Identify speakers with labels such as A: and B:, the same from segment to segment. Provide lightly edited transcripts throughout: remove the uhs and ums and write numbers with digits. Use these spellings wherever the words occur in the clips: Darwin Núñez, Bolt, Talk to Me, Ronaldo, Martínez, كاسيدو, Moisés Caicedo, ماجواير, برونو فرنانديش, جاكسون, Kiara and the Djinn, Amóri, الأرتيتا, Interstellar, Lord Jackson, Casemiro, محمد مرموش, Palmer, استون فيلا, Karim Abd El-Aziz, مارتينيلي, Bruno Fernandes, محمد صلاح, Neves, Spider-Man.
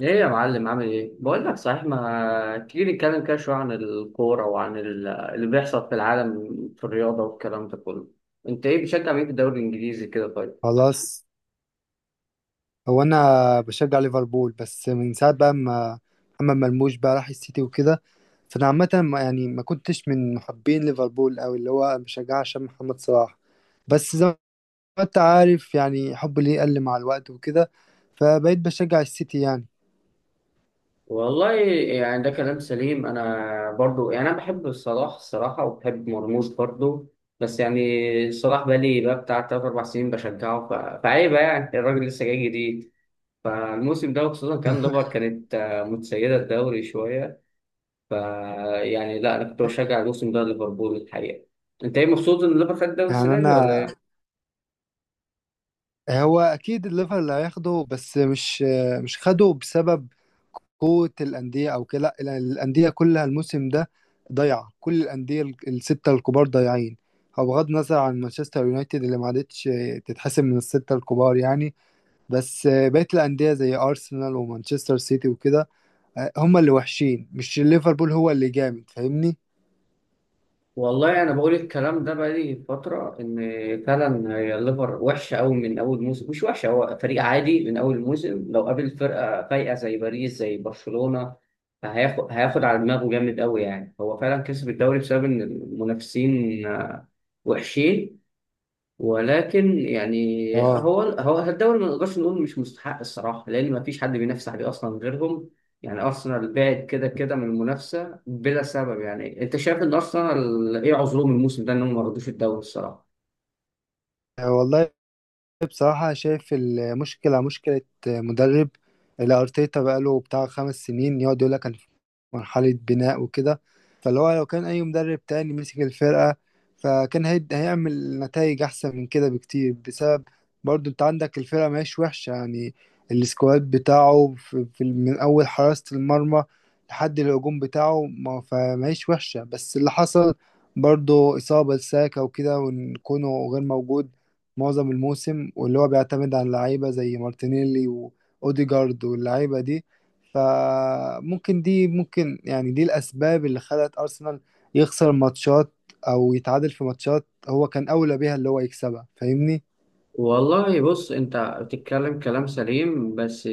A: ايه يا معلم، عامل ايه؟ بقول لك صحيح، ما تيجي نتكلم كده شوية عن الكورة وعن اللي بيحصل في العالم في الرياضة والكلام ده كله. انت ايه بتشجع مين في الدوري الانجليزي كده طيب؟
B: خلاص. هو انا بشجع ليفربول بس من ساعه بقى ما محمد مرموش بقى راح السيتي وكده. فانا عامه يعني ما كنتش من محبين ليفربول قوي اللي هو بشجعها عشان محمد صلاح. بس زي ما انت عارف يعني حبي ليه قل مع الوقت وكده، فبقيت بشجع السيتي يعني.
A: والله يعني ده كلام سليم. انا برضو يعني انا بحب صلاح الصراحة وبحب مرموش برضو. بس يعني صلاح بقالي بقى بتاع تلات أربع سنين بشجعه، فعيبة يعني، الراجل لسه جاي جديد. فالموسم ده، وخصوصا كان ليفر كانت متسيدة الدوري شوية. ف يعني لا، انا كنت بشجع الموسم ده ليفربول الحقيقه. انت ايه، مبسوط ان ليفربول خد الدوري
B: يعني
A: السنه دي ولا
B: انا
A: ايه؟
B: هو اكيد الليفر اللي هياخده، بس مش خده بسبب قوة الأندية أو كده، لا، الأندية كلها الموسم ده ضايعة. كل الأندية الستة الكبار ضايعين. هو بغض النظر عن مانشستر يونايتد اللي ما عادتش تتحسب من الستة الكبار يعني، بس بقية الأندية زي أرسنال ومانشستر سيتي وكده، آه، هم اللي وحشين مش ليفربول هو اللي جامد، فاهمني؟
A: والله انا بقول الكلام ده بقالي فتره، ان فعلا هي الليفر وحشه قوي من اول موسم. مش وحشه، هو فريق عادي، من اول موسم لو قابل فرقه فايقه زي باريس زي برشلونه هياخد على دماغه جامد قوي. يعني هو فعلا كسب الدوري بسبب ان المنافسين وحشين. ولكن يعني
B: اه
A: هو الدوري ما نقدرش نقول مش مستحق الصراحه، لان ما فيش حد بينافس عليه اصلا غيرهم. يعني ارسنال بعد كده كده من المنافسه بلا سبب. يعني انت شايف ان ارسنال ايه عذرهم الموسم ده انهم ما رضوش الدوري الصراحه؟
B: والله، بصراحة شايف المشكلة مشكلة مدرب. الأرتيتا بقاله بتاع 5 سنين يقعد يقول لك مرحلة بناء وكده، فاللي هو لو كان أي مدرب تاني مسك الفرقة فكان هيعمل نتائج أحسن من كده بكتير، بسبب برضو أنت عندك الفرقة ماهيش وحشة يعني. السكواد بتاعه في من أول حراسة المرمى لحد الهجوم بتاعه ما فماهيش وحشة، بس اللي حصل برضو إصابة لساكا وكده، وإن كونه غير موجود معظم الموسم، واللي هو بيعتمد على اللعيبة زي مارتينيلي وأوديجارد واللعيبة دي. فممكن دي ممكن يعني دي الأسباب اللي خلت أرسنال يخسر ماتشات أو يتعادل في ماتشات هو كان أولى بيها اللي هو يكسبها، فاهمني؟
A: والله بص، انت بتتكلم كلام سليم. بس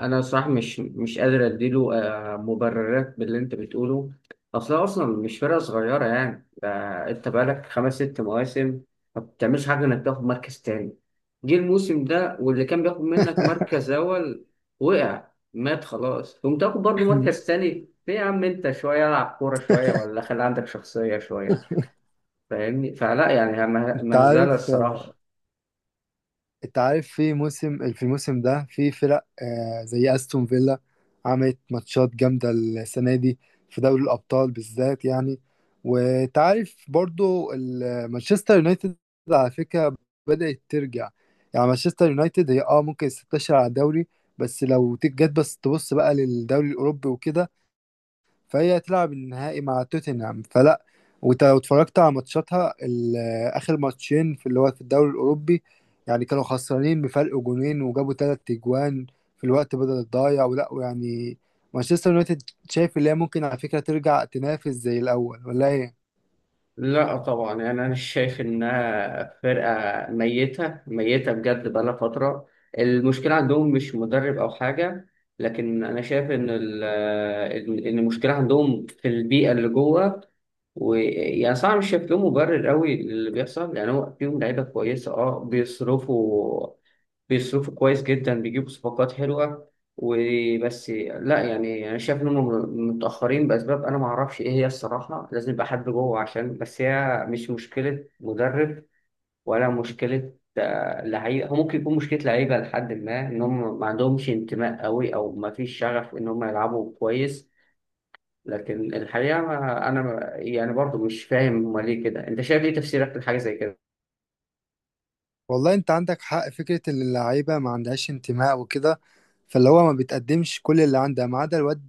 A: انا صراحة مش قادر اديله مبررات باللي انت بتقوله. اصلا اصلا مش فرقة صغيرة يعني ده. انت بقالك خمس ست مواسم ما بتعملش حاجة انك تاخد مركز تاني. جه الموسم ده واللي كان بياخد منك مركز اول، وقع، مات خلاص، قمت تاخد برضه مركز تاني؟ ليه يا عم، انت شوية العب كورة شوية، ولا خلي عندك شخصية شوية. فاهمني؟ فلا يعني،
B: أنت
A: مهزلة
B: عارف
A: الصراحة.
B: انت عارف في موسم في الموسم ده في فرق، آه، زي استون فيلا عملت ماتشات جامدة السنة دي في دوري الأبطال بالذات يعني. وانت عارف برضو مانشستر يونايتد على فكرة بدأت ترجع. يعني مانشستر يونايتد هي اه ممكن 16 على الدوري، بس لو تيجي جت بس تبص بقى للدوري الأوروبي وكده فهي تلعب النهائي مع توتنهام، فلا واتفرجت على ماتشاتها اخر ماتشين في اللي هو في الدوري الاوروبي، يعني كانوا خسرانين بفرق جونين وجابوا تلات اجوان في الوقت بدل الضايع ولا يعني. مانشستر يونايتد شايف اللي هي ممكن على فكرة ترجع تنافس زي الاول ولا ايه؟
A: لا طبعا، يعني انا شايف انها فرقه ميته ميته بجد، بقالها فتره. المشكله عندهم مش مدرب او حاجه، لكن انا شايف ان المشكله عندهم في البيئه اللي جوه. ويعني صعب شايف له مبرر قوي للي بيحصل. يعني هو فيهم لعيبه كويسه، اه، بيصرفوا كويس جدا، بيجيبوا صفقات حلوه وبس. لا يعني انا شايف انهم متاخرين باسباب انا ما اعرفش ايه هي الصراحه. لازم يبقى حد جوه، عشان بس هي مش مشكله مدرب ولا مشكله لعيبه. هو ممكن يكون مشكله لعيبه لحد ما، ان هم ما عندهمش انتماء قوي او ما فيش شغف ان هم يلعبوا كويس. لكن الحقيقة أنا يعني برضو مش فاهم هما ليه كده. أنت شايف إيه تفسيرك لحاجة زي كده؟
B: والله انت عندك حق فكرة ان اللعيبة ما عندهاش انتماء وكده، فاللي هو ما بتقدمش كل اللي عندها ما عدا الواد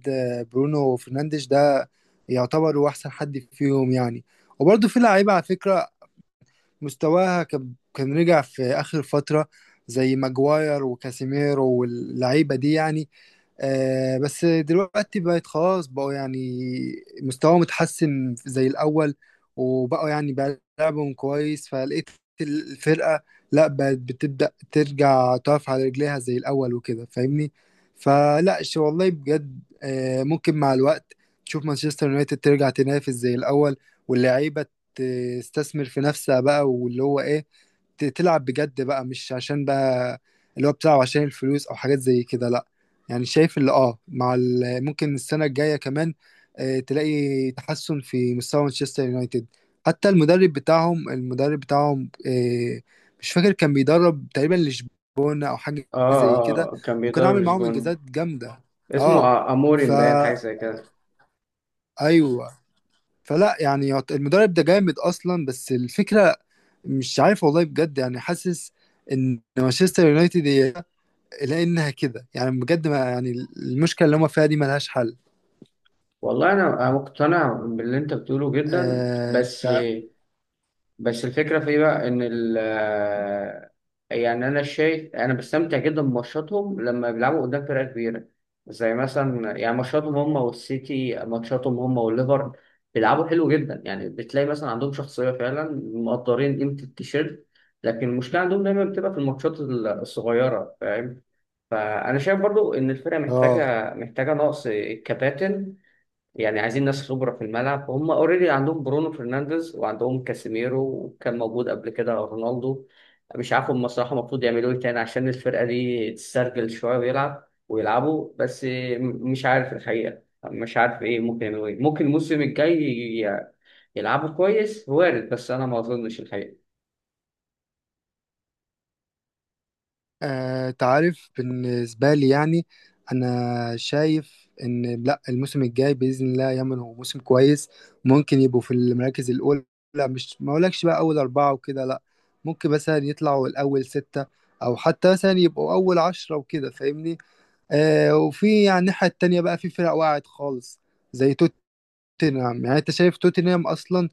B: برونو فرنانديش ده يعتبر هو احسن حد فيهم يعني. وبرضه في لعيبة على فكرة مستواها كان رجع في آخر فترة، زي ماجواير وكاسيميرو واللعيبة دي يعني. آه، بس دلوقتي بقت خلاص، بقوا يعني مستواهم متحسن زي الأول، وبقوا يعني بيلعبهم كويس فلقيت الفرقة لا بقت بتبدأ ترجع تقف على رجليها زي الأول وكده فاهمني. فلا والله بجد آه ممكن مع الوقت تشوف مانشستر يونايتد ترجع تنافس زي الأول، واللعيبة تستثمر في نفسها بقى، واللي هو ايه تلعب بجد بقى، مش عشان بقى اللي هو بتلعب عشان الفلوس او حاجات زي كده لا. يعني شايف اللي اه مع ممكن السنة الجاية كمان آه، تلاقي تحسن في مستوى مانشستر يونايتد. حتى المدرب بتاعهم المدرب بتاعهم آه، مش فاكر كان بيدرب تقريبا لشبونة او حاجة زي
A: آه،
B: كده،
A: آه، كان
B: وكان
A: بيدرب
B: عامل معاهم
A: لشبونة.
B: انجازات جامدة.
A: اسمه
B: اه
A: أموري مبين حاجة
B: فا
A: زي كده.
B: ايوه. فلا يعني المدرب ده جامد اصلا، بس الفكرة مش عارف والله بجد، يعني حاسس ان مانشستر يونايتد هي لانها كده يعني بجد ما يعني المشكله اللي هم فيها دي ملهاش حل.
A: والله أنا مقتنع باللي أنت بتقوله جدا.
B: آه
A: بس
B: تع-
A: بس الفكرة في ايه بقى، ان ال آه، يعني، انا شايف انا بستمتع جدا بماتشاتهم لما بيلعبوا قدام فرقة كبيرة. زي مثلا يعني ماتشاتهم هم والسيتي، ماتشاتهم هم والليفر، بيلعبوا حلو جدا. يعني بتلاقي مثلا عندهم شخصية، فعلا مقدرين قيمة التيشيرت. لكن المشكلة عندهم دايما بتبقى في الماتشات الصغيرة، فاهم؟ فأنا شايف برضو إن الفرقة
B: اه
A: محتاجة نقص كباتن. يعني عايزين ناس خبرة في الملعب. هم اوريدي عندهم برونو فرنانديز وعندهم كاسيميرو، وكان موجود قبل كده رونالدو. مش عارف هم الصراحة المفروض يعملوا ايه تاني عشان الفرقة دي تسترجل شوية ويلعب ويلعبوا. بس مش عارف الحقيقة، مش عارف ايه ممكن يعملوا، ايه ممكن الموسم الجاي يلعبوا كويس، وارد. بس انا ما اظنش الحقيقة.
B: تعرف بالنسبه لي يعني انا شايف ان لا الموسم الجاي باذن الله يمن هو موسم كويس، ممكن يبقوا في المراكز الاولى. لا، مش ما اقولكش بقى اول اربعه وكده لا، ممكن مثلا يطلعوا الاول سته او حتى مثلا يبقوا اول عشره وكده فاهمني. آه وفي على الناحية التانية بقى في فرق وقعت خالص، زي توتنهام. يعني انت شايف توتنهام اصلا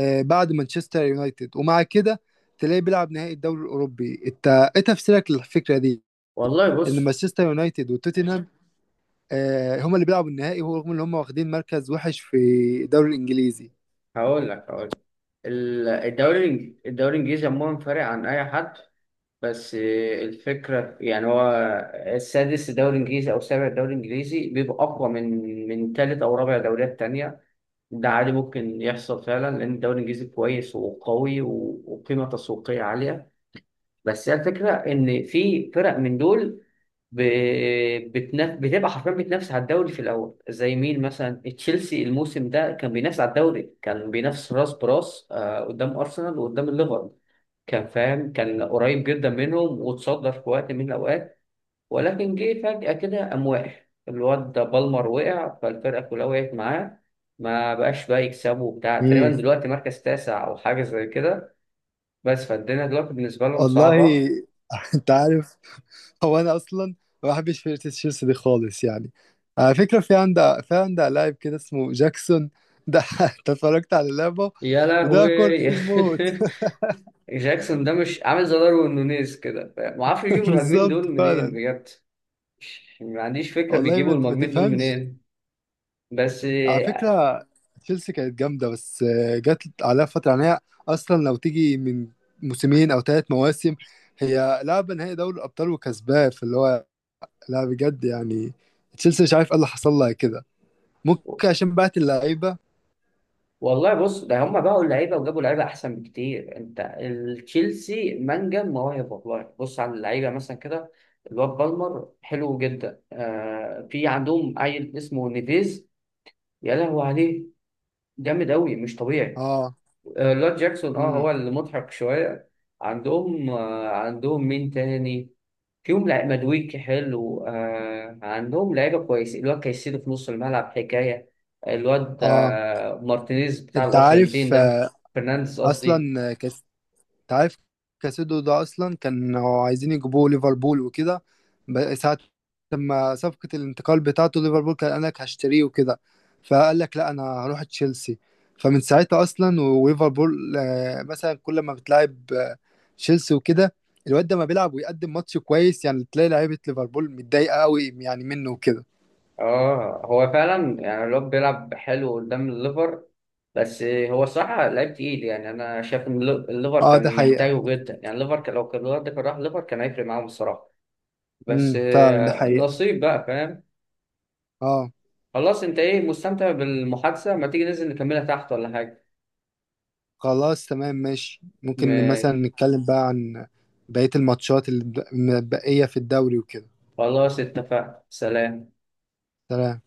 B: آه بعد مانشستر يونايتد ومع كده تلاقيه بيلعب نهائي الدوري الاوروبي، انت ايه تفسيرك للفكرة دي
A: والله
B: ان
A: بص،
B: مانشستر يونايتد وتوتنهام آه هما اللي بيلعبوا النهائي ورغم ان هما واخدين مركز وحش في الدوري الانجليزي؟
A: هقول لك. الدوري الانجليزي عموما فارق عن اي حد. بس الفكرة يعني، هو السادس الدوري الإنجليزي أو السابع الدوري الإنجليزي بيبقى أقوى من تالت أو رابع دوريات تانية. ده عادي ممكن يحصل فعلا، لأن الدوري الإنجليزي كويس وقوي وقيمة تسويقية عالية. بس هي الفكرة إن في فرق من دول ب... بتبقى حرفيا بتنافس على الدوري في الأول. زي مين مثلا؟ تشيلسي الموسم ده كان بينافس على الدوري، كان بينافس راس براس قدام أرسنال وقدام الليفر. كان فاهم، كان قريب جدا منهم واتصدى في وقت من الأوقات. ولكن جه فجأة كده قام وقع. الواد ده بالمر وقع، فالفرقة كلها وقعت معاه. ما بقاش بقى يكسبوا وبتاع، تقريبا
B: امم
A: دلوقتي مركز تاسع أو حاجة زي كده. بس فالدنيا دلوقتي بالنسبة لهم صعبة.
B: والله. انت عارف هو انا اصلا ما بحبش فرقه تشيلسي دي خالص يعني، على فكره في عندها لاعب كده اسمه جاكسون ده. أنت اتفرجت على لعبه،
A: يا
B: بيضيع كور
A: لهوي!
B: كتير موت.
A: جاكسون ده مش عامل زي داروين نونيز كده؟ ما اعرفش يجيبوا المهاجمين
B: بالظبط
A: دول منين
B: فعلا.
A: بجد. ما عنديش فكرة
B: والله
A: بيجيبوا
B: ما
A: المهاجمين دول
B: تفهمش.
A: منين. بس
B: على فكره تشيلسي كانت جامده، بس آه، جت عليها فتره يعني، هي اصلا لو تيجي من موسمين او ثلاث مواسم هي لعبه نهائي دوري الابطال وكسباه فاللي هو لا بجد يعني تشيلسي مش عارف ايه اللي حصل لها كده، ممكن عشان بعت اللعيبه.
A: والله بص، ده هم باعوا اللعيبه وجابوا لعيبه احسن بكتير. انت، التشيلسي منجم مواهب. والله بص على اللعيبه مثلا كده، الواد بالمر حلو جدا. في عندهم عيل اسمه نيفيز، يا لهوي عليه، جامد قوي مش طبيعي.
B: اه
A: لارد جاكسون اه هو المضحك شوية. عندهم مين تاني فيهم؟ لعيب مدويكي حلو، عندهم لعيبة كويسة. الواد كايسيدو في نص الملعب حكاية. الواد
B: اه
A: مارتينيز بتاع
B: انت
A: الأرجنتين
B: عارف
A: ده،
B: آه،
A: فرنانديز قصدي.
B: اصلا آه، انت عارف كاسيدو ده اصلا كانوا عايزين يجيبوه ليفربول وكده، ساعة لما صفقة الانتقال بتاعته ليفربول كان قال لك هشتريه وكده فقال لك لا انا هروح تشيلسي. فمن ساعتها اصلا وليفربول آه، مثلا كل ما بتلعب آه، تشيلسي وكده، الواد ده ما بيلعب ويقدم ماتش كويس، يعني تلاقي لعيبة ليفربول متضايقة قوي يعني منه وكده.
A: اه، هو فعلا يعني الواد بيلعب حلو قدام الليفر. بس هو صراحة لعيب تقيل. يعني أنا شايف إن الليفر
B: اه ده
A: كان
B: حقيقة.
A: محتاجه جدا. يعني لو كان الواد ده كان راح الليفر، كان هيفرق معاهم الصراحة. بس
B: فعلا ده حقيقة.
A: نصيب بقى، فاهم؟
B: اه
A: خلاص، انت ايه، مستمتع بالمحادثة؟ ما تيجي ننزل نكملها تحت ولا حاجة؟
B: خلاص تمام ماشي، ممكن
A: م-
B: مثلا نتكلم بقى عن بقية الماتشات اللي متبقية في الدوري وكده.
A: خلاص اتفقنا، سلام.
B: سلام.